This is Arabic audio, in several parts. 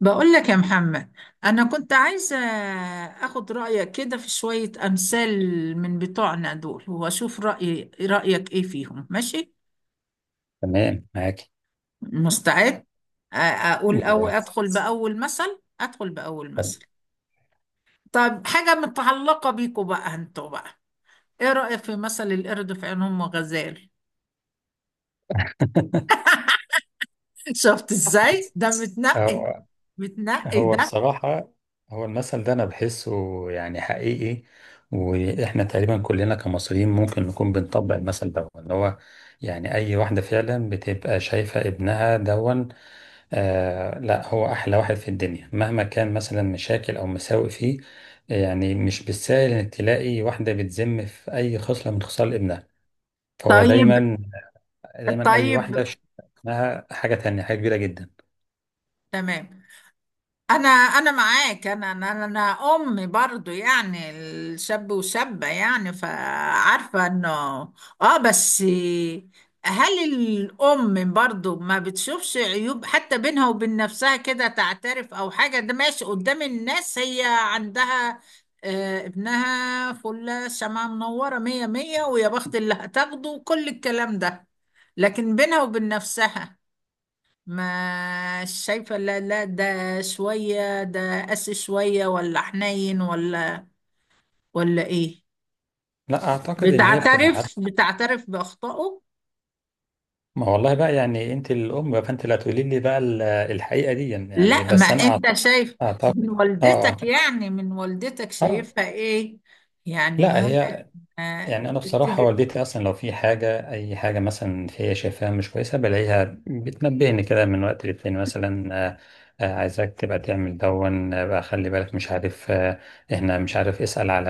بقول لك يا محمد، أنا كنت عايزة أخد رأيك كده في شوية أمثال من بتوعنا دول، وأشوف رأيك إيه فيهم. ماشي، تمام معاك. مستعد؟ أقول، أو جاهز. أدخل بأول مثل أدخل بأول طب مثل طب، حاجة متعلقة بيكوا بقى، أنتوا بقى. إيه رأيك في مثل القرد في عين أم غزال؟ شفت إزاي بص، ده متنقي هو متنقي هو ده. بصراحة، هو المثل ده أنا بحسه يعني حقيقي، وإحنا تقريبا كلنا كمصريين ممكن نكون بنطبق المثل ده اللي هو يعني أي واحدة فعلا بتبقى شايفة ابنها دون. لا، هو أحلى واحد في الدنيا مهما كان مثلا مشاكل أو مساوئ فيه. يعني مش بالسهل إنك تلاقي واحدة بتذم في أي خصلة من خصال ابنها. فهو طيب، دايما أي واحدة طيب، شايفة ابنها حاجة تانية، حاجة كبيرة جدا. تمام. انا معاك. انا انا انا أنا برضو يعني الشاب وشابة، يعني فعارفة انه. اه، بس هل الام برضو ما بتشوفش عيوب، حتى بينها وبين نفسها كده تعترف او حاجة؟ ده ماشي قدام الناس، هي عندها آه، ابنها فلة، شمعة منورة، مية مية، ويا بخت اللي هتاخده، وكل الكلام ده. لكن بينها وبين نفسها ما شايفة؟ لا لا، ده شوية، ده قاسي شوية، ولا حنين، ولا ايه؟ لا، اعتقد ان هي بتبقى عارفه. بتعترف بأخطائه. ما والله بقى، يعني انت الام بقى، فانت اللي هتقولي لي بقى الحقيقه دي، يعني لا، ما بس انا انت شايف من اعتقد. اه، اه، والدتك، يعني من والدتك اه. شايفها ايه؟ يعني لا ممكن هي، يعني انا بصراحه بتيجي. والدتي اصلا لو في حاجه، اي حاجه مثلا هي شايفاها مش كويسه بلاقيها بتنبهني كده من وقت للتاني. مثلا آه، عايزاك تبقى تعمل دون. بقى خلي بالك، مش عارف. احنا، مش عارف، اسال على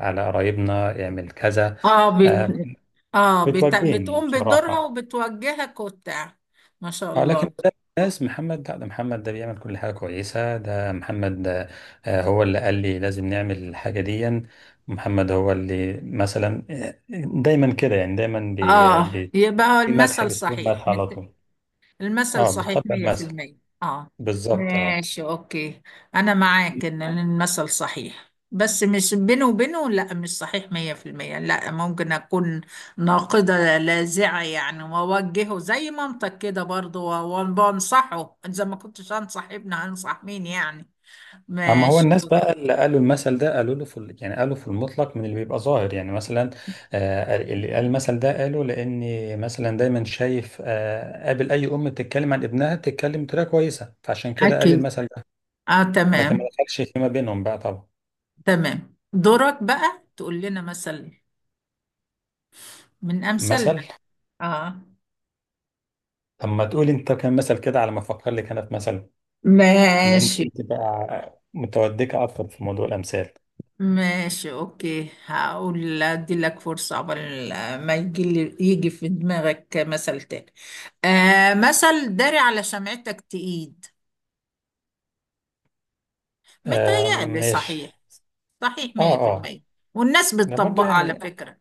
على قرايبنا، اعمل كذا. اه آه. بت... بتوجهني بتقوم بدورها بصراحه. وبتوجهك وبتاع. ما شاء اه، لكن الله. ده الناس محمد، لا ده محمد، ده بيعمل كل حاجة كويسة، ده محمد ده. هو اللي قال لي لازم نعمل الحاجة دي. محمد هو اللي مثلا، دايما كده، يعني دايما بي اه، بي يبقى هو في مدح، المثل أسلوب صحيح مدح على مت... طول. المثل اه، صحيح بتطبق المثل 100%. اه، بالظبط. اه. ماشي اوكي. انا معاك ان المثل صحيح، بس مش بينه وبينه. لا، مش صحيح 100%. لا، ممكن اكون ناقدة لاذعة يعني، واوجهه زي منطق كده برضه، وانصحه. اذا ما كنتش انصح ابني هنصح مين يعني؟ اما هو ماشي. الناس بقى اللي قالوا المثل ده قالوا له في يعني قالوا في المطلق من اللي بيبقى ظاهر. يعني مثلا اللي قال المثل ده قالوا لاني مثلا دايما شايف، قابل اي ام بتتكلم عن ابنها تتكلم بطريقه كويسه، فعشان كده قال اكيد، المثل ده. اه، لكن ما تمام. دخلش فيما بينهم بقى طبعا. تمام، دورك بقى تقول لنا مثل من امثالنا. مثل؟ اه، طب ما تقول انت كان مثل كده على ما افكر لك انا في مثل، بما انك ماشي، انت بقى متودكه اكتر في موضوع الامثال. ماشي اوكي. هقول، ادي لك فرصة قبل ما يجي في دماغك مثل تاني. آه، مثل داري على شمعتك تقيد. متهيألي ماشي. صحيح. صحيح اه، مية في اه. المية، والناس ده برضو بتطبقها على يعني، فكرة.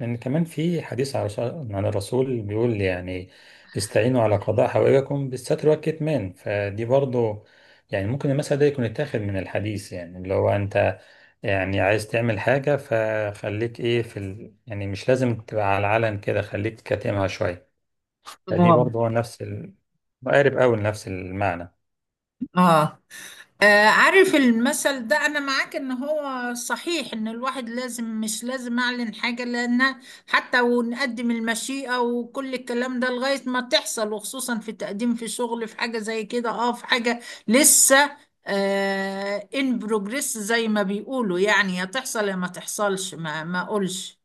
لأن كمان في حديث عن الرسول، عن الرسول بيقول يعني استعينوا على قضاء حوائجكم بالستر والكتمان. فدي برضو يعني ممكن المثل ده يكون اتاخد من الحديث، يعني اللي هو أنت يعني عايز تعمل حاجة فخليك إيه في ال... يعني مش لازم تبقى على العلن كده، خليك كاتمها شوية. فدي اه، برضو هو نفس ال... مقارب أوي لنفس المعنى. اه. آه، عارف المثل ده، انا معاك ان هو صحيح، ان الواحد لازم، مش لازم اعلن حاجة، لان حتى ونقدم المشيئة وكل الكلام ده لغاية ما تحصل. وخصوصا في تقديم، في شغل، في حاجة زي كده، اه، في حاجة لسه ان بروجريس زي ما بيقولوا يعني. يا تحصل يا ما تحصلش، ما اقولش.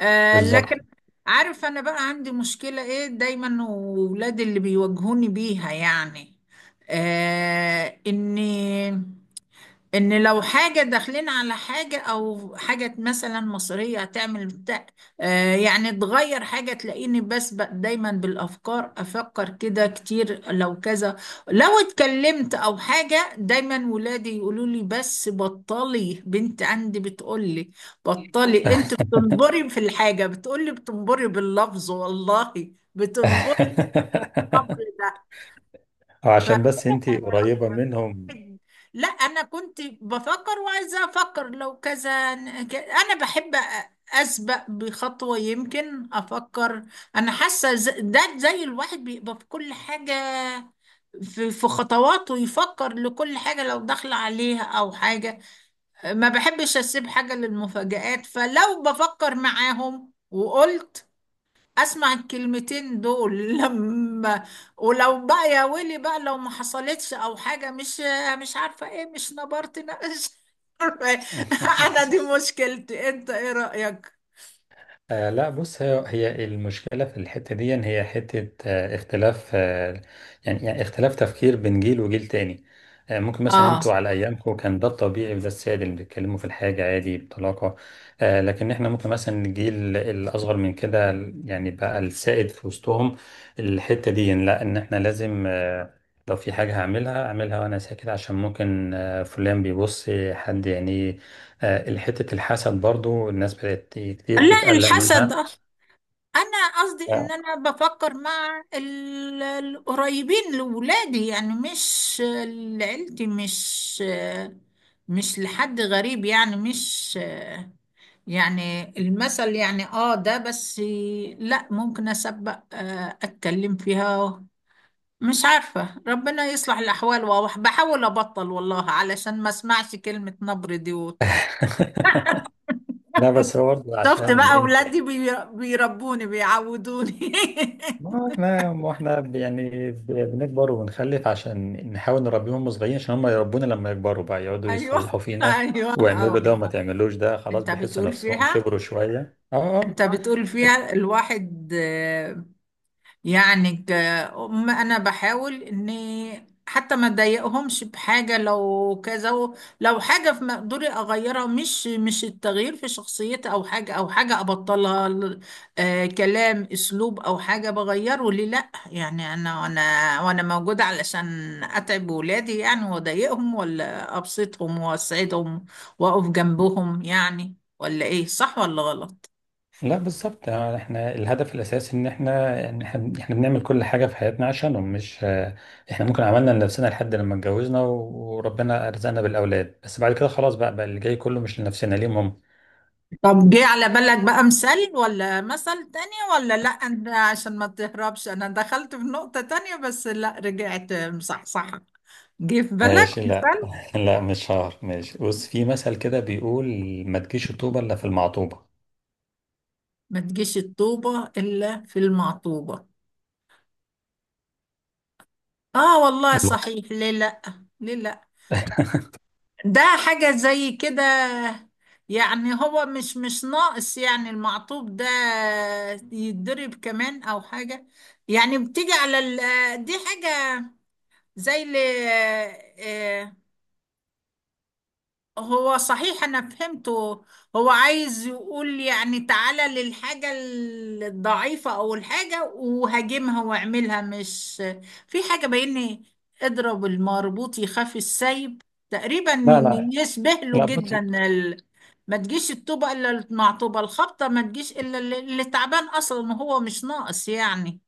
آه، لكن بالظبط. عارف، انا بقى عندي مشكلة ايه دايما، وولادي اللي بيواجهوني بيها يعني. آه اني ان لو حاجة داخلين على حاجة، او حاجة مثلا مصرية هتعمل بتاع، يعني تغير حاجة، تلاقيني بسبق دايما بالافكار. افكر كده كتير لو كذا، لو اتكلمت او حاجة. دايما ولادي يقولوا لي بس بطلي. بنت عندي بتقول لي، بطلي انت بتنبري في الحاجة. بتقول لي بتنبري باللفظ والله، بتنبري الامر ده. وعشان بس أنت قريبة منهم. لا، انا كنت بفكر، وعايزه افكر لو كذا. انا بحب اسبق بخطوه، يمكن افكر. انا حاسه ده زي الواحد بيبقى في كل حاجه، في خطواته يفكر لكل حاجه لو داخل عليها او حاجه. ما بحبش اسيب حاجه للمفاجآت. فلو بفكر معاهم وقلت، اسمع الكلمتين دول لما، ولو بقى يا ويلي بقى لو ما حصلتش او حاجه، مش عارفه ايه، مش نبرت، نقش. انا دي مشكلتي، انت ايه رايك؟ آه لا بص، هي المشكلة في الحتة دي إن هي حتة اختلاف. يعني اختلاف تفكير بين جيل وجيل تاني. آه، ممكن مثلا اه انتوا على أيامكم كان ده الطبيعي وده السائد، اللي بيتكلموا في الحاجة عادي بطلاقة. آه، لكن احنا ممكن مثلا الجيل الأصغر من كده يعني بقى السائد في وسطهم الحتة دي، إن لا، إن احنا لازم لو في حاجة هعملها أعملها وأنا ساكت، عشان ممكن فلان بيبص، حد يعني. آه، حتة الحسد برضو الناس بدأت كتير لا، بتقلق الحسد منها. آه. انا قصدي ف- ان انا بفكر مع القريبين لولادي يعني، مش لعيلتي، مش لحد غريب يعني، مش يعني المثل يعني. اه، ده بس. لا، ممكن اسبق اتكلم فيها. مش عارفة، ربنا يصلح الأحوال. وبحاول أبطل والله علشان ما اسمعش كلمة نبر دي وبتاع. لا بس هو برضه شفت عشان بقى انت، أولادي بيربوني، بيعودوني. ما احنا يعني بنكبر وبنخلف عشان نحاول نربيهم هم صغيرين، عشان هم يربونا لما يكبروا بقى، يقعدوا أيوه، يصلحوا فينا أيوه، آه واعملوا ده وما والله. تعملوش ده، خلاص أنت بيحسوا بتقول نفسهم فيها كبروا شوية. اه، أنت اه. بتقول فيها الواحد يعني، انا بحاول اني حتى ما اضايقهمش بحاجه، لو كذا لو حاجه في مقدوري اغيرها. مش التغيير في شخصيتي او حاجه ابطلها كلام، اسلوب او حاجه، بغيره. ليه لا يعني؟ انا وانا وانا موجوده علشان اتعب ولادي يعني واضايقهم؟ ولا ابسطهم واسعدهم، واقف جنبهم يعني؟ ولا ايه؟ صح ولا غلط؟ لا بالظبط، يعني احنا الهدف الاساسي ان احنا ان احنا بنعمل كل حاجه في حياتنا عشانهم، مش احنا ممكن عملنا لنفسنا لحد لما اتجوزنا وربنا ارزقنا بالاولاد، بس بعد كده خلاص بقى، اللي جاي كله مش لنفسنا، ليهم هم. طب، جه على بالك بقى مثال ولا مثل تاني؟ ولا لا، انت عشان ما تهربش. انا دخلت في نقطة تانية، بس لا، رجعت مصحصحة. جه في بالك ماشي لا. مثال؟ لا مش شهر، ماشي بص، في مثل كده بيقول: ما تجيش الطوبه الا في المعطوبه. ما تجيش الطوبة الا في المعطوبة. اه والله صحيح، ليه لا، ليه لا. ده حاجة زي كده، يعني هو مش ناقص يعني المعطوب ده يتضرب كمان او حاجة. يعني بتيجي على دي حاجة زي اللي، هو صحيح انا فهمته. هو عايز يقول يعني، تعالى للحاجة الضعيفة او الحاجة وهاجمها واعملها. مش في حاجة، بين اضرب المربوط يخاف السيب، تقريبا لا إن لا يشبه له لا بص. جدا. ال... ما تجيش الطوبة الا مع طوبة الخبطة. ما تجيش الا اللي تعبان اصلا، وهو مش ناقص يعني.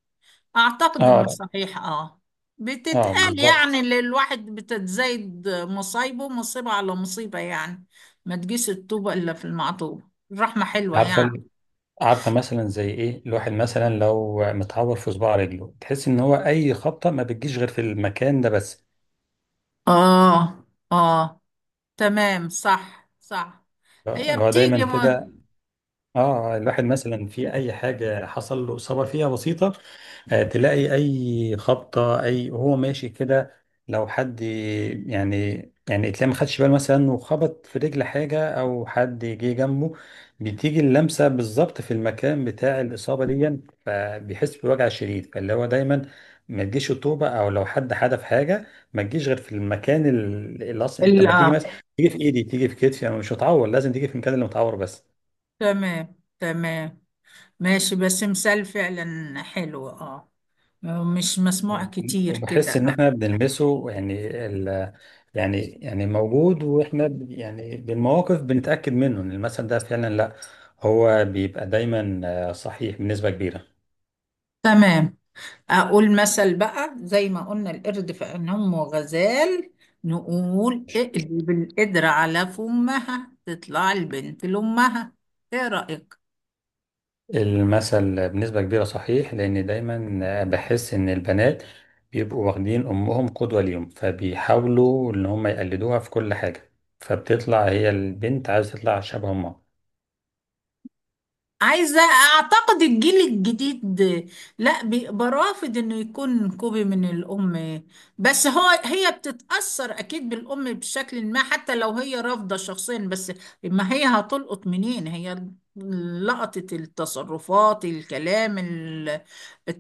أعتقد اه إنه لا. صحيح. اه بتتقال بالظبط. يعني اللي الواحد بتتزايد مصايبه، مصيبة على مصيبة يعني. ما تجيش الطوبة إلا في المعطوبة. الرحمة حلوة عارفه يعني. عارفه مثلا زي ايه، الواحد مثلا لو متعور في صباع رجله، تحس ان هو اي خبطه ما بتجيش غير في المكان ده بس. آه، آه، تمام، صح، صح. هي اللي هو دايما بتيجي كده. اه، الواحد مثلا في اي حاجه حصل له اصابه فيها بسيطه، آه، تلاقي اي خبطه، اي هو ماشي كده، لو حد يعني يعني تلاقي ما خدش باله مثلا وخبط في رجل حاجه او حد جه جنبه، بتيجي اللمسه بالظبط في المكان بتاع الاصابه دي، فبيحس بوجع شديد. فاللي هو دايما ما تجيش الطوبه، او لو حد حدف حاجه ما تجيش غير في المكان اللي اصلا، انت لما تيجي آه، مثلا تيجي في ايدي، تيجي في كتفي، انا مش هتعور، لازم تيجي في المكان اللي متعور بس. تمام، تمام، ماشي. بس مثال فعلا حلو. مش مسموع كتير كده وبحس ان آه. احنا بنلمسه، يعني ال يعني موجود، واحنا يعني بالمواقف بنتأكد منه ان المثل ده فعلا لا، هو بيبقى دايما صحيح بنسبة كبيرة. تمام. أقول مثل بقى، زي ما قلنا القرد في عين أمه غزال، نقول اقلب القدرة على فمها تطلع البنت لأمها. إيه رأيك؟ المثل بنسبة كبيرة صحيح، لان دايما بحس ان البنات بيبقوا واخدين امهم قدوة ليهم، فبيحاولوا ان هم يقلدوها في كل حاجة، فبتطلع هي البنت عايزة تطلع شبه امها. أعتقد الجيل الجديد لا، بيبقى رافض إنه يكون كوبي من الأم. بس هي بتتأثر أكيد بالأم بشكل ما، حتى لو هي رافضة شخصيا. بس ما هي هتلقط منين؟ هي لقطت التصرفات، الكلام،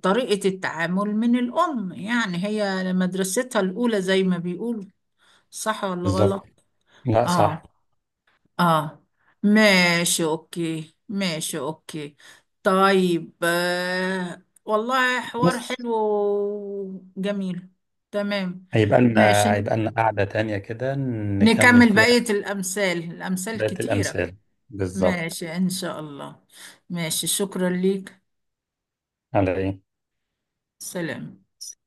طريقة التعامل من الأم يعني. هي مدرستها الأولى زي ما بيقولوا. صح ولا بالظبط. غلط؟ لا آه، صح. اه، ماشي اوكي، ماشي اوكي. طيب، آه والله، حوار بس حلو وجميل. تمام، هيبقى لنا، ماشي، هيبقى لنا قعدة تانية كده نكمل نكمل بقية فيها الأمثال. الأمثال بقية كتيرة. الأمثال. بالظبط. ماشي إن شاء الله. ماشي، شكرا ليك. على إيه. سلام.